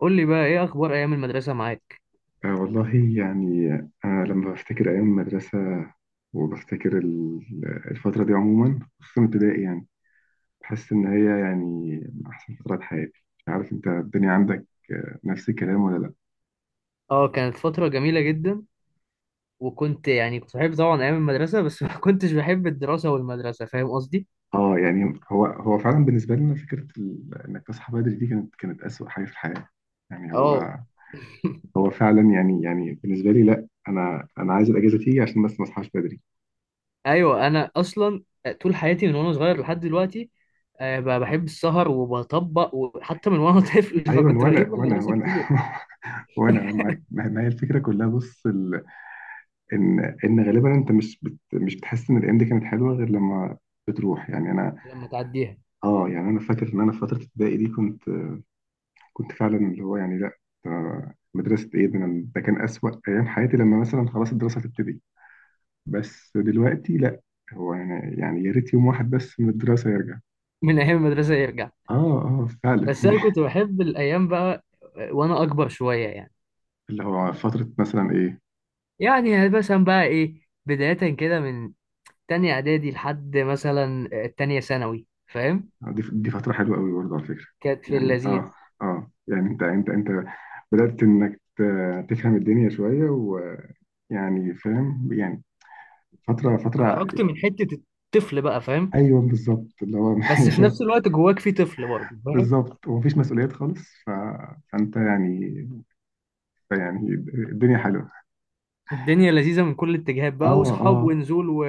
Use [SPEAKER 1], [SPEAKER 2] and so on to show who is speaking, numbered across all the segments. [SPEAKER 1] قول لي بقى ايه اخبار ايام المدرسه معاك؟
[SPEAKER 2] آه والله. يعني أنا لما بفتكر أيام المدرسة وبفتكر الفترة دي عموما، خصوصا ابتدائي، يعني بحس إن هي يعني من أحسن فترات حياتي. مش عارف أنت الدنيا عندك آه، نفس الكلام ولا لأ؟
[SPEAKER 1] اه، كانت فتره جميله جدا. وكنت يعني كنت بحب طبعا ايام المدرسه بس ما كنتش بحب الدراسه والمدرسه، فاهم قصدي.
[SPEAKER 2] آه يعني هو فعلا بالنسبة لنا فكرة إنك تصحى بدري دي كانت أسوأ حاجة في الحياة. يعني
[SPEAKER 1] اه
[SPEAKER 2] هو هو فعلا يعني، بالنسبة لي لأ، أنا عايز الأجازة تيجي عشان بس ما أصحاش بدري.
[SPEAKER 1] ايوه، انا اصلا طول حياتي من وانا صغير لحد دلوقتي بحب السهر وبطبق، وحتى من وانا طفل
[SPEAKER 2] أيوه
[SPEAKER 1] فكنت بغيب
[SPEAKER 2] وأنا
[SPEAKER 1] من
[SPEAKER 2] وأنا
[SPEAKER 1] المدرسه
[SPEAKER 2] وأنا
[SPEAKER 1] كتير.
[SPEAKER 2] وأنا ما هي الفكرة كلها. بص، ان غالبا انت مش بتحس ان الايام دي كانت حلوه غير لما بتروح. يعني انا،
[SPEAKER 1] لما تعديها،
[SPEAKER 2] اه يعني انا فاكر ان انا في فتره ابتدائي دي كنت، فعلا اللي هو يعني لا، ده مدرسه ايه؟ ده كان اسوأ ايام حياتي لما مثلا خلاص الدراسه تبتدي. بس دلوقتي لا، هو يعني، يا ريت يوم واحد بس من الدراسه يرجع.
[SPEAKER 1] من ايام المدرسه يرجع.
[SPEAKER 2] اه اه فعلا.
[SPEAKER 1] بس انا كنت بحب الايام بقى وانا اكبر شويه يعني.
[SPEAKER 2] اللي هو فتره مثلا ايه؟
[SPEAKER 1] يعني مثلا بقى ايه، بدايه كده من تانية اعدادي لحد مثلا التانية ثانوي، فاهم.
[SPEAKER 2] آه، دي فترة حلوة قوي برضه على فكرة.
[SPEAKER 1] كانت في
[SPEAKER 2] يعني
[SPEAKER 1] اللذيذ،
[SPEAKER 2] اه، اه يعني انت بدأت انك تفهم الدنيا شوية، ويعني فاهم يعني، فترة.
[SPEAKER 1] خرجت من حتة الطفل بقى فاهم،
[SPEAKER 2] ايوه بالظبط، اللي هو
[SPEAKER 1] بس في نفس الوقت جواك في طفل برضه فاهم.
[SPEAKER 2] بالظبط، ومفيش مسؤوليات خالص فانت يعني، يعني الدنيا حلوة.
[SPEAKER 1] الدنيا لذيذة من كل الاتجاهات
[SPEAKER 2] اه
[SPEAKER 1] بقى، وصحاب
[SPEAKER 2] اه.
[SPEAKER 1] ونزول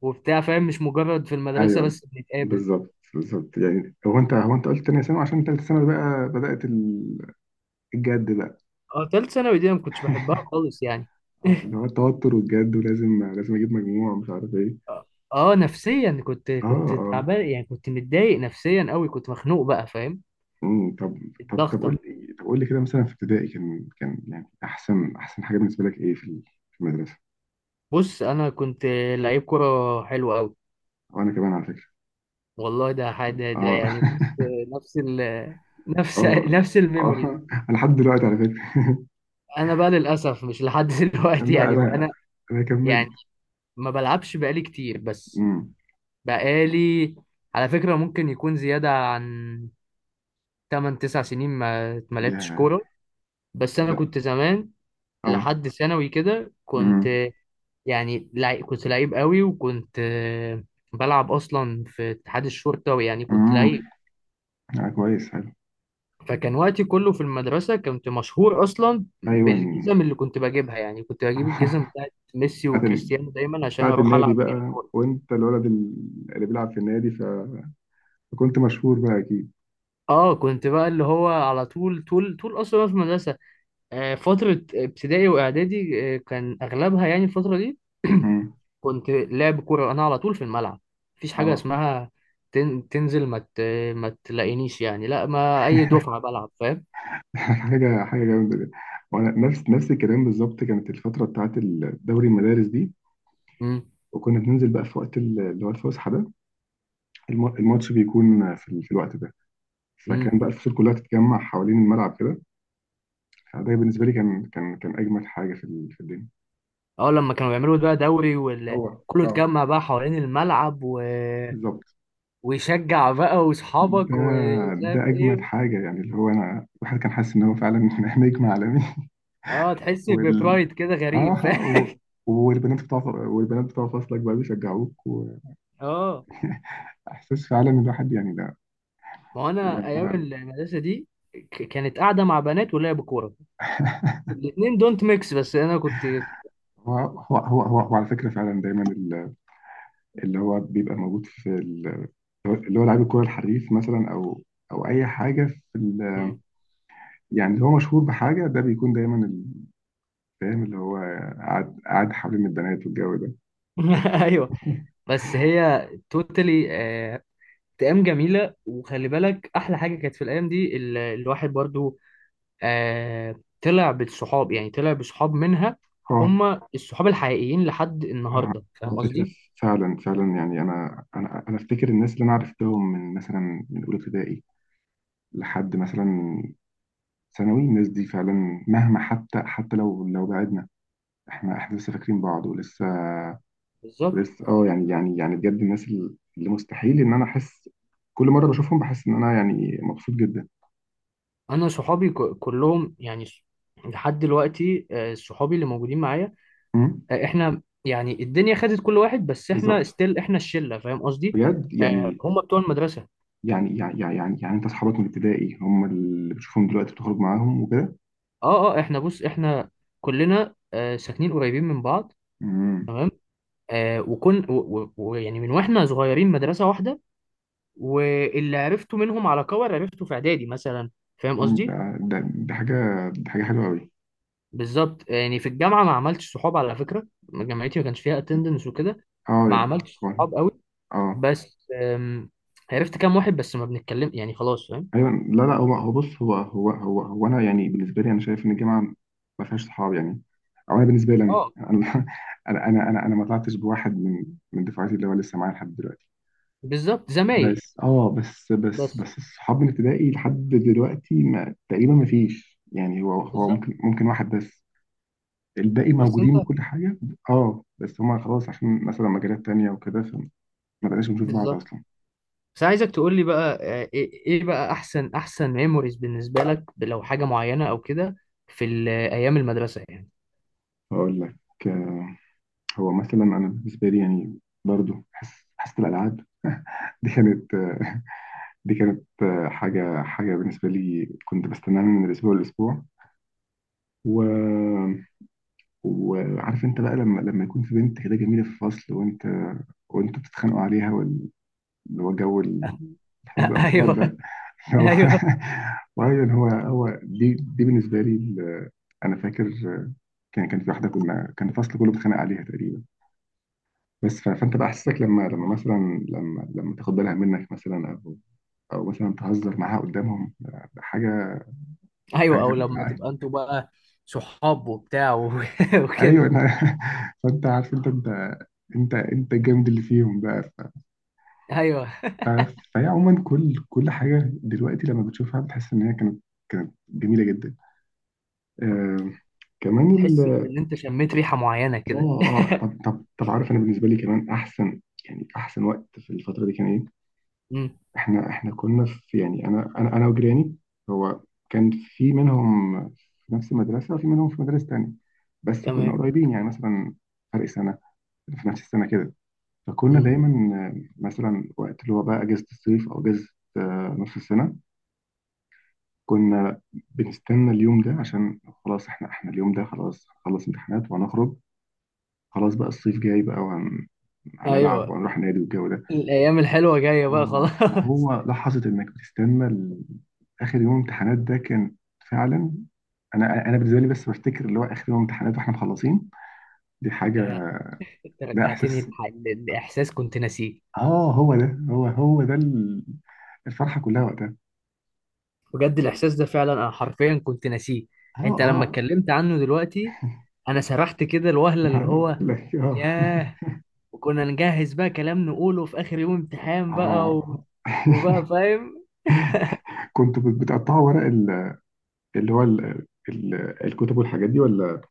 [SPEAKER 1] وبتاع، فاهم، مش مجرد في المدرسة
[SPEAKER 2] ايوه
[SPEAKER 1] بس بنتقابل.
[SPEAKER 2] بالظبط، بالظبط. يعني هو انت، قلت تانية ثانوي عشان تالتة ثانوي بقى بدأت الجد بقى.
[SPEAKER 1] اه، تالت ثانوي دي انا ما كنتش بحبها خالص يعني.
[SPEAKER 2] اه اللي هو التوتر والجد، ولازم اجيب مجموع مش عارف ايه.
[SPEAKER 1] اه، نفسيا كنت
[SPEAKER 2] اه
[SPEAKER 1] كنت
[SPEAKER 2] اه،
[SPEAKER 1] تعبان، يعني كنت متضايق نفسيا قوي، كنت مخنوق بقى، فاهم.
[SPEAKER 2] امم. طب،
[SPEAKER 1] الضغطة.
[SPEAKER 2] قول لي، كده مثلا في ابتدائي كان، يعني احسن، حاجه بالنسبه لك ايه في في المدرسه؟
[SPEAKER 1] بص، انا كنت لعيب كرة حلو قوي.
[SPEAKER 2] وانا كمان على فكره.
[SPEAKER 1] والله ده حاجة، ده
[SPEAKER 2] اه
[SPEAKER 1] يعني بص، نفس ال نفس
[SPEAKER 2] اه
[SPEAKER 1] نفس الميموريز.
[SPEAKER 2] اه أنا لحد دلوقتي على فكره.
[SPEAKER 1] انا بقى للاسف مش لحد دلوقتي
[SPEAKER 2] لا
[SPEAKER 1] يعني انا.
[SPEAKER 2] انا،
[SPEAKER 1] يعني
[SPEAKER 2] كملت.
[SPEAKER 1] ما بلعبش بقالي كتير، بس
[SPEAKER 2] امم،
[SPEAKER 1] بقالي على فكرة ممكن يكون زيادة عن 8 9 سنين ما لعبتش
[SPEAKER 2] يا،
[SPEAKER 1] كورة. بس انا
[SPEAKER 2] لا
[SPEAKER 1] كنت زمان
[SPEAKER 2] اه،
[SPEAKER 1] لحد ثانوي كده كنت
[SPEAKER 2] امم.
[SPEAKER 1] يعني كنت لعيب قوي، وكنت بلعب اصلا في اتحاد الشرطة، ويعني كنت لعيب.
[SPEAKER 2] امم آه، كويس، حلو.
[SPEAKER 1] فكان وقتي كله في المدرسة، كنت مشهور أصلا
[SPEAKER 2] ايوه
[SPEAKER 1] بالجزم اللي كنت بجيبها. يعني كنت بجيب الجزم بتاعت ميسي
[SPEAKER 2] بتاعت
[SPEAKER 1] وكريستيانو دايما عشان
[SPEAKER 2] بتاعت
[SPEAKER 1] أروح
[SPEAKER 2] النادي
[SPEAKER 1] ألعب بيها
[SPEAKER 2] بقى،
[SPEAKER 1] كورة.
[SPEAKER 2] وانت الولد اللي بيلعب في النادي، فكنت مشهور بقى اكيد.
[SPEAKER 1] اه، كنت بقى اللي هو على طول طول طول أصلا في المدرسة. فترة ابتدائي وإعدادي كان أغلبها يعني الفترة دي.
[SPEAKER 2] امم،
[SPEAKER 1] كنت لعب كورة أنا على طول في الملعب. مفيش حاجة
[SPEAKER 2] اه.
[SPEAKER 1] اسمها تنزل ما تلاقينيش، يعني لا، ما أي دفعة بلعب، فاهم.
[SPEAKER 2] حاجة جامدة جدا. وأنا نفس الكلام بالظبط. كانت الفترة بتاعت الدوري المدارس دي،
[SPEAKER 1] مم.
[SPEAKER 2] وكنا بننزل بقى في وقت اللي هو الفسحة ده. الماتش بيكون في، في الوقت ده. فكان
[SPEAKER 1] مم.
[SPEAKER 2] بقى الفصول كلها تتجمع حوالين الملعب كده، فده بالنسبة لي كان، كان، أجمد حاجة في في الدنيا.
[SPEAKER 1] اه، لما كانوا بيعملوا بقى دوري
[SPEAKER 2] هو
[SPEAKER 1] وكله
[SPEAKER 2] اه،
[SPEAKER 1] اتجمع بقى حوالين الملعب
[SPEAKER 2] بالظبط.
[SPEAKER 1] ويشجع بقى
[SPEAKER 2] ده
[SPEAKER 1] واصحابك ومش عارف
[SPEAKER 2] ده أجمد
[SPEAKER 1] ايه.
[SPEAKER 2] حاجة، يعني اللي هو أنا الواحد كان حاسس إن هو فعلا نجم عالمي.
[SPEAKER 1] اه، تحس
[SPEAKER 2] وال،
[SPEAKER 1] ببرايد كده
[SPEAKER 2] آه،
[SPEAKER 1] غريب.
[SPEAKER 2] آه، و، والبنات بتوع، فصلك بقى بيشجعوك.
[SPEAKER 1] اه،
[SPEAKER 2] احساس فعلا الواحد يعني ده
[SPEAKER 1] ما هو انا ايام
[SPEAKER 2] لما،
[SPEAKER 1] المدرسه دي، كانت قاعده مع بنات ولعب كوره، الاثنين دونت ميكس، بس انا كنت.
[SPEAKER 2] هو على فكره فعلا دايما اللي هو بيبقى موجود في اللي هو لعيب الكوره الحريف مثلا، او اي حاجه في
[SPEAKER 1] مم.
[SPEAKER 2] يعني اللي هو مشهور بحاجه، ده بيكون دايما فاهم اللي هو قاعد حوالين البنات والجو ده.
[SPEAKER 1] ايوه، بس هي توتالي ايام جميله. وخلي بالك، احلى حاجه كانت في الايام دي، الواحد برضو آه طلع بالصحاب، يعني طلع بصحاب منها
[SPEAKER 2] اه
[SPEAKER 1] هم الصحاب الحقيقيين لحد النهارده،
[SPEAKER 2] على
[SPEAKER 1] فاهم
[SPEAKER 2] فكره،
[SPEAKER 1] قصدي.
[SPEAKER 2] فعلا يعني انا، افتكر الناس اللي انا عرفتهم من مثلا من اولى ابتدائي لحد مثلا ثانوي، الناس دي فعلا مهما حتى، لو بعدنا، احنا لسه فاكرين بعض، ولسه،
[SPEAKER 1] بالظبط.
[SPEAKER 2] اه يعني، بجد الناس اللي مستحيل ان انا احس. كل مره بشوفهم بحس ان انا يعني مبسوط جدا.
[SPEAKER 1] انا صحابي كلهم يعني لحد دلوقتي صحابي اللي موجودين معايا.
[SPEAKER 2] امم،
[SPEAKER 1] احنا يعني الدنيا خدت كل واحد، بس احنا
[SPEAKER 2] بالظبط،
[SPEAKER 1] ستيل احنا الشله، فاهم قصدي.
[SPEAKER 2] بجد
[SPEAKER 1] هم بتوع المدرسه.
[SPEAKER 2] انت اصحابك من ابتدائي هم اللي بتشوفهم دلوقتي بتخرج معاهم وكده؟
[SPEAKER 1] اه، اه، احنا بص، احنا كلنا ساكنين قريبين من بعض،
[SPEAKER 2] امم،
[SPEAKER 1] تمام. آه وكن ويعني من واحنا صغيرين مدرسه واحده، واللي عرفته منهم على كور عرفته في اعدادي مثلا، فاهم
[SPEAKER 2] ده
[SPEAKER 1] قصدي.
[SPEAKER 2] ده ده حاجه، ده حاجه حلوه قوي.
[SPEAKER 1] بالظبط. يعني في الجامعه ما عملتش صحاب على فكره. جامعتي ما كانش فيها اتندنس وكده،
[SPEAKER 2] اه
[SPEAKER 1] ما
[SPEAKER 2] يعني
[SPEAKER 1] عملتش
[SPEAKER 2] كويس.
[SPEAKER 1] صحاب قوي.
[SPEAKER 2] اه
[SPEAKER 1] بس عرفت كام واحد، بس ما بنتكلم يعني خلاص، فاهم.
[SPEAKER 2] ايوه، لا لا، هو هو بص، هو هو هو هو انا يعني بالنسبه لي انا شايف ان الجامعه ما فيهاش صحاب، يعني او انا بالنسبه لي انا،
[SPEAKER 1] اه.
[SPEAKER 2] انا انا انا أنا ما طلعتش بواحد من، دفعتي اللي هو لسه معايا لحد دلوقتي.
[SPEAKER 1] بالظبط، زمايل
[SPEAKER 2] بس اه، بس بس
[SPEAKER 1] بس.
[SPEAKER 2] بس الصحاب من ابتدائي لحد دلوقتي ما تقريبا ما فيش، يعني هو
[SPEAKER 1] بالظبط.
[SPEAKER 2] ممكن، واحد بس. الباقي
[SPEAKER 1] بس انت،
[SPEAKER 2] موجودين وكل حاجه، اه، بس هما خلاص عشان مثلا مجالات تانية وكده، فما بقناش بنشوف بعض
[SPEAKER 1] بالظبط.
[SPEAKER 2] اصلا.
[SPEAKER 1] بس عايزك تقول لي بقى إيه بقى احسن ميموريز بالنسبه لك، لو حاجه معينه او كده في ايام المدرسه يعني.
[SPEAKER 2] هقول لك، هو مثلا انا بالنسبه لي يعني برضو حس، حاسه الالعاب دي كانت دي كانت حاجه، بالنسبه لي كنت بستناها من الاسبوع للاسبوع. و، وعارف انت بقى لما، يكون في بنت كده جميله في الفصل، وانتوا بتتخانقوا عليها، اللي هو جو حب الاطفال
[SPEAKER 1] ايوه،
[SPEAKER 2] ده. هو،
[SPEAKER 1] ايوه،
[SPEAKER 2] وايضا هو دي بالنسبه لي انا فاكر كان في واحده كنا، كان الفصل كله بيتخانق عليها تقريبا، بس فانت بقى احساسك لما، مثلا لما، تاخد بالها منك مثلا، او مثلا تهزر معاها قدامهم، ده حاجه،
[SPEAKER 1] ايوه، او
[SPEAKER 2] حاجه
[SPEAKER 1] لما تبقى انتوا بقى صحاب وبتاع وكده.
[SPEAKER 2] ايوه فانت عارف انت، الجامد اللي فيهم بقى،
[SPEAKER 1] ايوه،
[SPEAKER 2] فهي عموما كل حاجه دلوقتي لما بتشوفها بتحس ان هي كانت، جميله جدا. آه كمان
[SPEAKER 1] تحس
[SPEAKER 2] ال،
[SPEAKER 1] بان انت شميت ريحه معينه كده.
[SPEAKER 2] اه اه طب، عارف انا بالنسبه لي كمان احسن، يعني احسن وقت في الفتره دي كان ايه؟
[SPEAKER 1] امم
[SPEAKER 2] احنا، كنا في يعني انا، وجيراني، هو كان في منهم في نفس المدرسه، وفي منهم في مدارس تانية، بس كنا
[SPEAKER 1] تمام.
[SPEAKER 2] قريبين يعني مثلا فرق سنه في نفس السنه كده. فكنا
[SPEAKER 1] امم
[SPEAKER 2] دايما آه، مثلا وقت اللي هو بقى اجازه الصيف او اجازه آه، نص السنه، كنا بنستنى اليوم ده عشان خلاص، احنا اليوم ده خلاص هنخلص امتحانات وهنخرج. خلاص بقى الصيف جاي بقى، هنلعب
[SPEAKER 1] ايوه،
[SPEAKER 2] وهنروح نادي والجو ده.
[SPEAKER 1] الايام الحلوه جايه بقى
[SPEAKER 2] اه
[SPEAKER 1] خلاص.
[SPEAKER 2] فهو لحظة انك بتستنى اخر يوم امتحانات ده كان فعلا، انا، بالنسبة لي بس بفتكر اللي هو اخر يوم امتحانات واحنا مخلصين، دي حاجة.
[SPEAKER 1] يعني انت
[SPEAKER 2] ده
[SPEAKER 1] رجعتني
[SPEAKER 2] احساس،
[SPEAKER 1] لاحساس كنت ناسيه.
[SPEAKER 2] اه هو ده، الفرحة كلها وقتها.
[SPEAKER 1] بجد الاحساس ده فعلا انا حرفيا كنت ناسيه.
[SPEAKER 2] اه
[SPEAKER 1] انت
[SPEAKER 2] اه،
[SPEAKER 1] لما اتكلمت عنه دلوقتي، انا سرحت كده الوهله
[SPEAKER 2] ما
[SPEAKER 1] اللي
[SPEAKER 2] انا
[SPEAKER 1] هو.
[SPEAKER 2] بقول لك اه.
[SPEAKER 1] ياه. وكنا نجهز بقى كلام نقوله في اخر يوم امتحان بقى
[SPEAKER 2] اه
[SPEAKER 1] وبقى فاهم.
[SPEAKER 2] كنت بتقطعوا ورق اللي هو الكتب والحاجات دي، ولا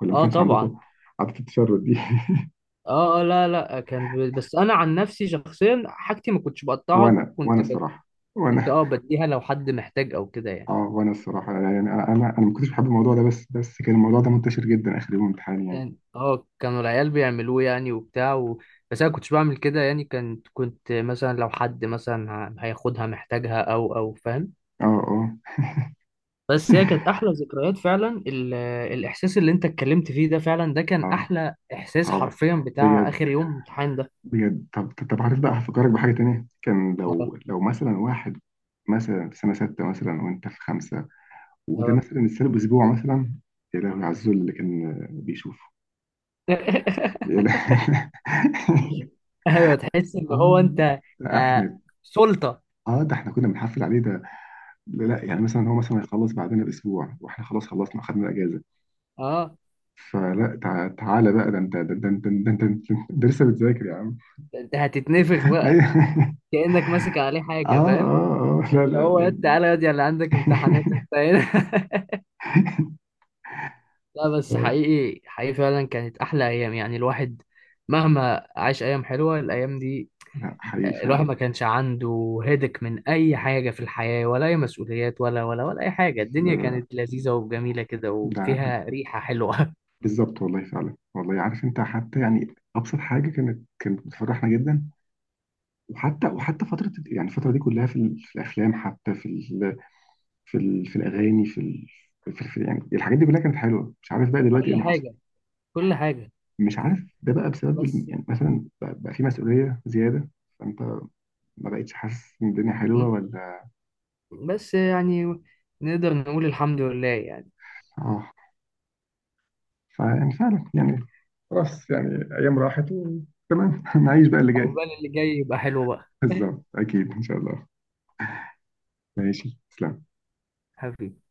[SPEAKER 2] ما
[SPEAKER 1] اه
[SPEAKER 2] كانش
[SPEAKER 1] طبعا.
[SPEAKER 2] عندكم عادة التشرد دي؟
[SPEAKER 1] اه، لا لا، كان بس انا عن نفسي شخصيا، حاجتي ما كنتش بقطعها،
[SPEAKER 2] وانا وانا
[SPEAKER 1] كنت
[SPEAKER 2] الصراحة
[SPEAKER 1] كنت
[SPEAKER 2] وانا،
[SPEAKER 1] بديها لو حد محتاج او كده يعني.
[SPEAKER 2] اه الصراحه يعني انا ما كنتش بحب الموضوع ده، بس كان الموضوع ده منتشر جدا اخر يوم امتحان يعني.
[SPEAKER 1] كان، كانوا العيال بيعملوه، يعني وبتاع بس انا كنتش بعمل كده يعني. كنت مثلا لو حد مثلا هياخدها محتاجها او فاهم.
[SPEAKER 2] اه اه
[SPEAKER 1] بس هي كانت احلى ذكريات فعلا الاحساس اللي انت اتكلمت فيه ده، فعلا ده كان
[SPEAKER 2] اه
[SPEAKER 1] احلى احساس
[SPEAKER 2] اه،
[SPEAKER 1] حرفيا، بتاع
[SPEAKER 2] بجد،
[SPEAKER 1] اخر يوم امتحان ده.
[SPEAKER 2] بجد. طب، عارف بقى، هفكرك بحاجه تانية. كان
[SPEAKER 1] اه،
[SPEAKER 2] لو، مثلا واحد مثلا في سنه سته مثلا، وانت في خمسه، وده
[SPEAKER 1] اه.
[SPEAKER 2] مثلا السنه باسبوع مثلا، يا لهوي على الذل اللي كان بيشوفه. يا لهوي.
[SPEAKER 1] ايوه، تحس ان هو
[SPEAKER 2] اه
[SPEAKER 1] انت
[SPEAKER 2] لا،
[SPEAKER 1] آه
[SPEAKER 2] احنا
[SPEAKER 1] سلطة.
[SPEAKER 2] اه، ده احنا كنا بنحفل عليه ده. لا لا يعني مثلا هو مثلا هيخلص بعدنا باسبوع، واحنا خلاص خلصنا، اخدنا الاجازه،
[SPEAKER 1] اه،
[SPEAKER 2] فلا تعالى بقى، ده انت لسه بتذاكر يا عم.
[SPEAKER 1] انت هتتنفخ بقى،
[SPEAKER 2] ايوه
[SPEAKER 1] كأنك ماسك عليه
[SPEAKER 2] اه
[SPEAKER 1] حاجة، فاهم.
[SPEAKER 2] اه اه، لا
[SPEAKER 1] اللي
[SPEAKER 2] لا
[SPEAKER 1] هو يا
[SPEAKER 2] يعني.
[SPEAKER 1] تعالى، يا دي اللي عندك امتحانات انت هنا. لا، بس حقيقي، حقيقي فعلا كانت أحلى أيام. يعني الواحد مهما عاش أيام حلوة، الأيام دي
[SPEAKER 2] لا حقيقي
[SPEAKER 1] الواحد ما
[SPEAKER 2] فعلا،
[SPEAKER 1] كانش عنده هدك من أي حاجة في الحياة، ولا أي مسؤوليات، ولا ولا ولا أي حاجة.
[SPEAKER 2] لا
[SPEAKER 1] الدنيا
[SPEAKER 2] لا
[SPEAKER 1] كانت لذيذة وجميلة كده،
[SPEAKER 2] لا ده
[SPEAKER 1] وفيها ريحة حلوة.
[SPEAKER 2] بالظبط والله فعلا والله. عارف انت، حتى يعني ابسط حاجه كانت، بتفرحنا جدا. وحتى فتره، يعني الفتره دي كلها في، في الافلام، حتى في ال، في ال، في الاغاني، في، في، في يعني الحاجات دي كلها كانت حلوه. مش عارف بقى دلوقتي ايه
[SPEAKER 1] كل
[SPEAKER 2] اللي حصل.
[SPEAKER 1] حاجة، كل حاجة.
[SPEAKER 2] مش عارف ده بقى بسبب
[SPEAKER 1] بس
[SPEAKER 2] يعني مثلا بقى، في مسؤوليه زياده، فانت ما بقتش حاسس ان الدنيا حلوه ولا.
[SPEAKER 1] بس يعني نقدر نقول الحمد لله يعني.
[SPEAKER 2] اه، فيعني فعلا يعني، خلاص يعني ايام راحت وتمام، نعيش بقى اللي جاي.
[SPEAKER 1] عقبال اللي جاي يبقى حلو بقى،
[SPEAKER 2] بالظبط، اكيد ان شاء الله. ماشي، تسلم.
[SPEAKER 1] حبيبي.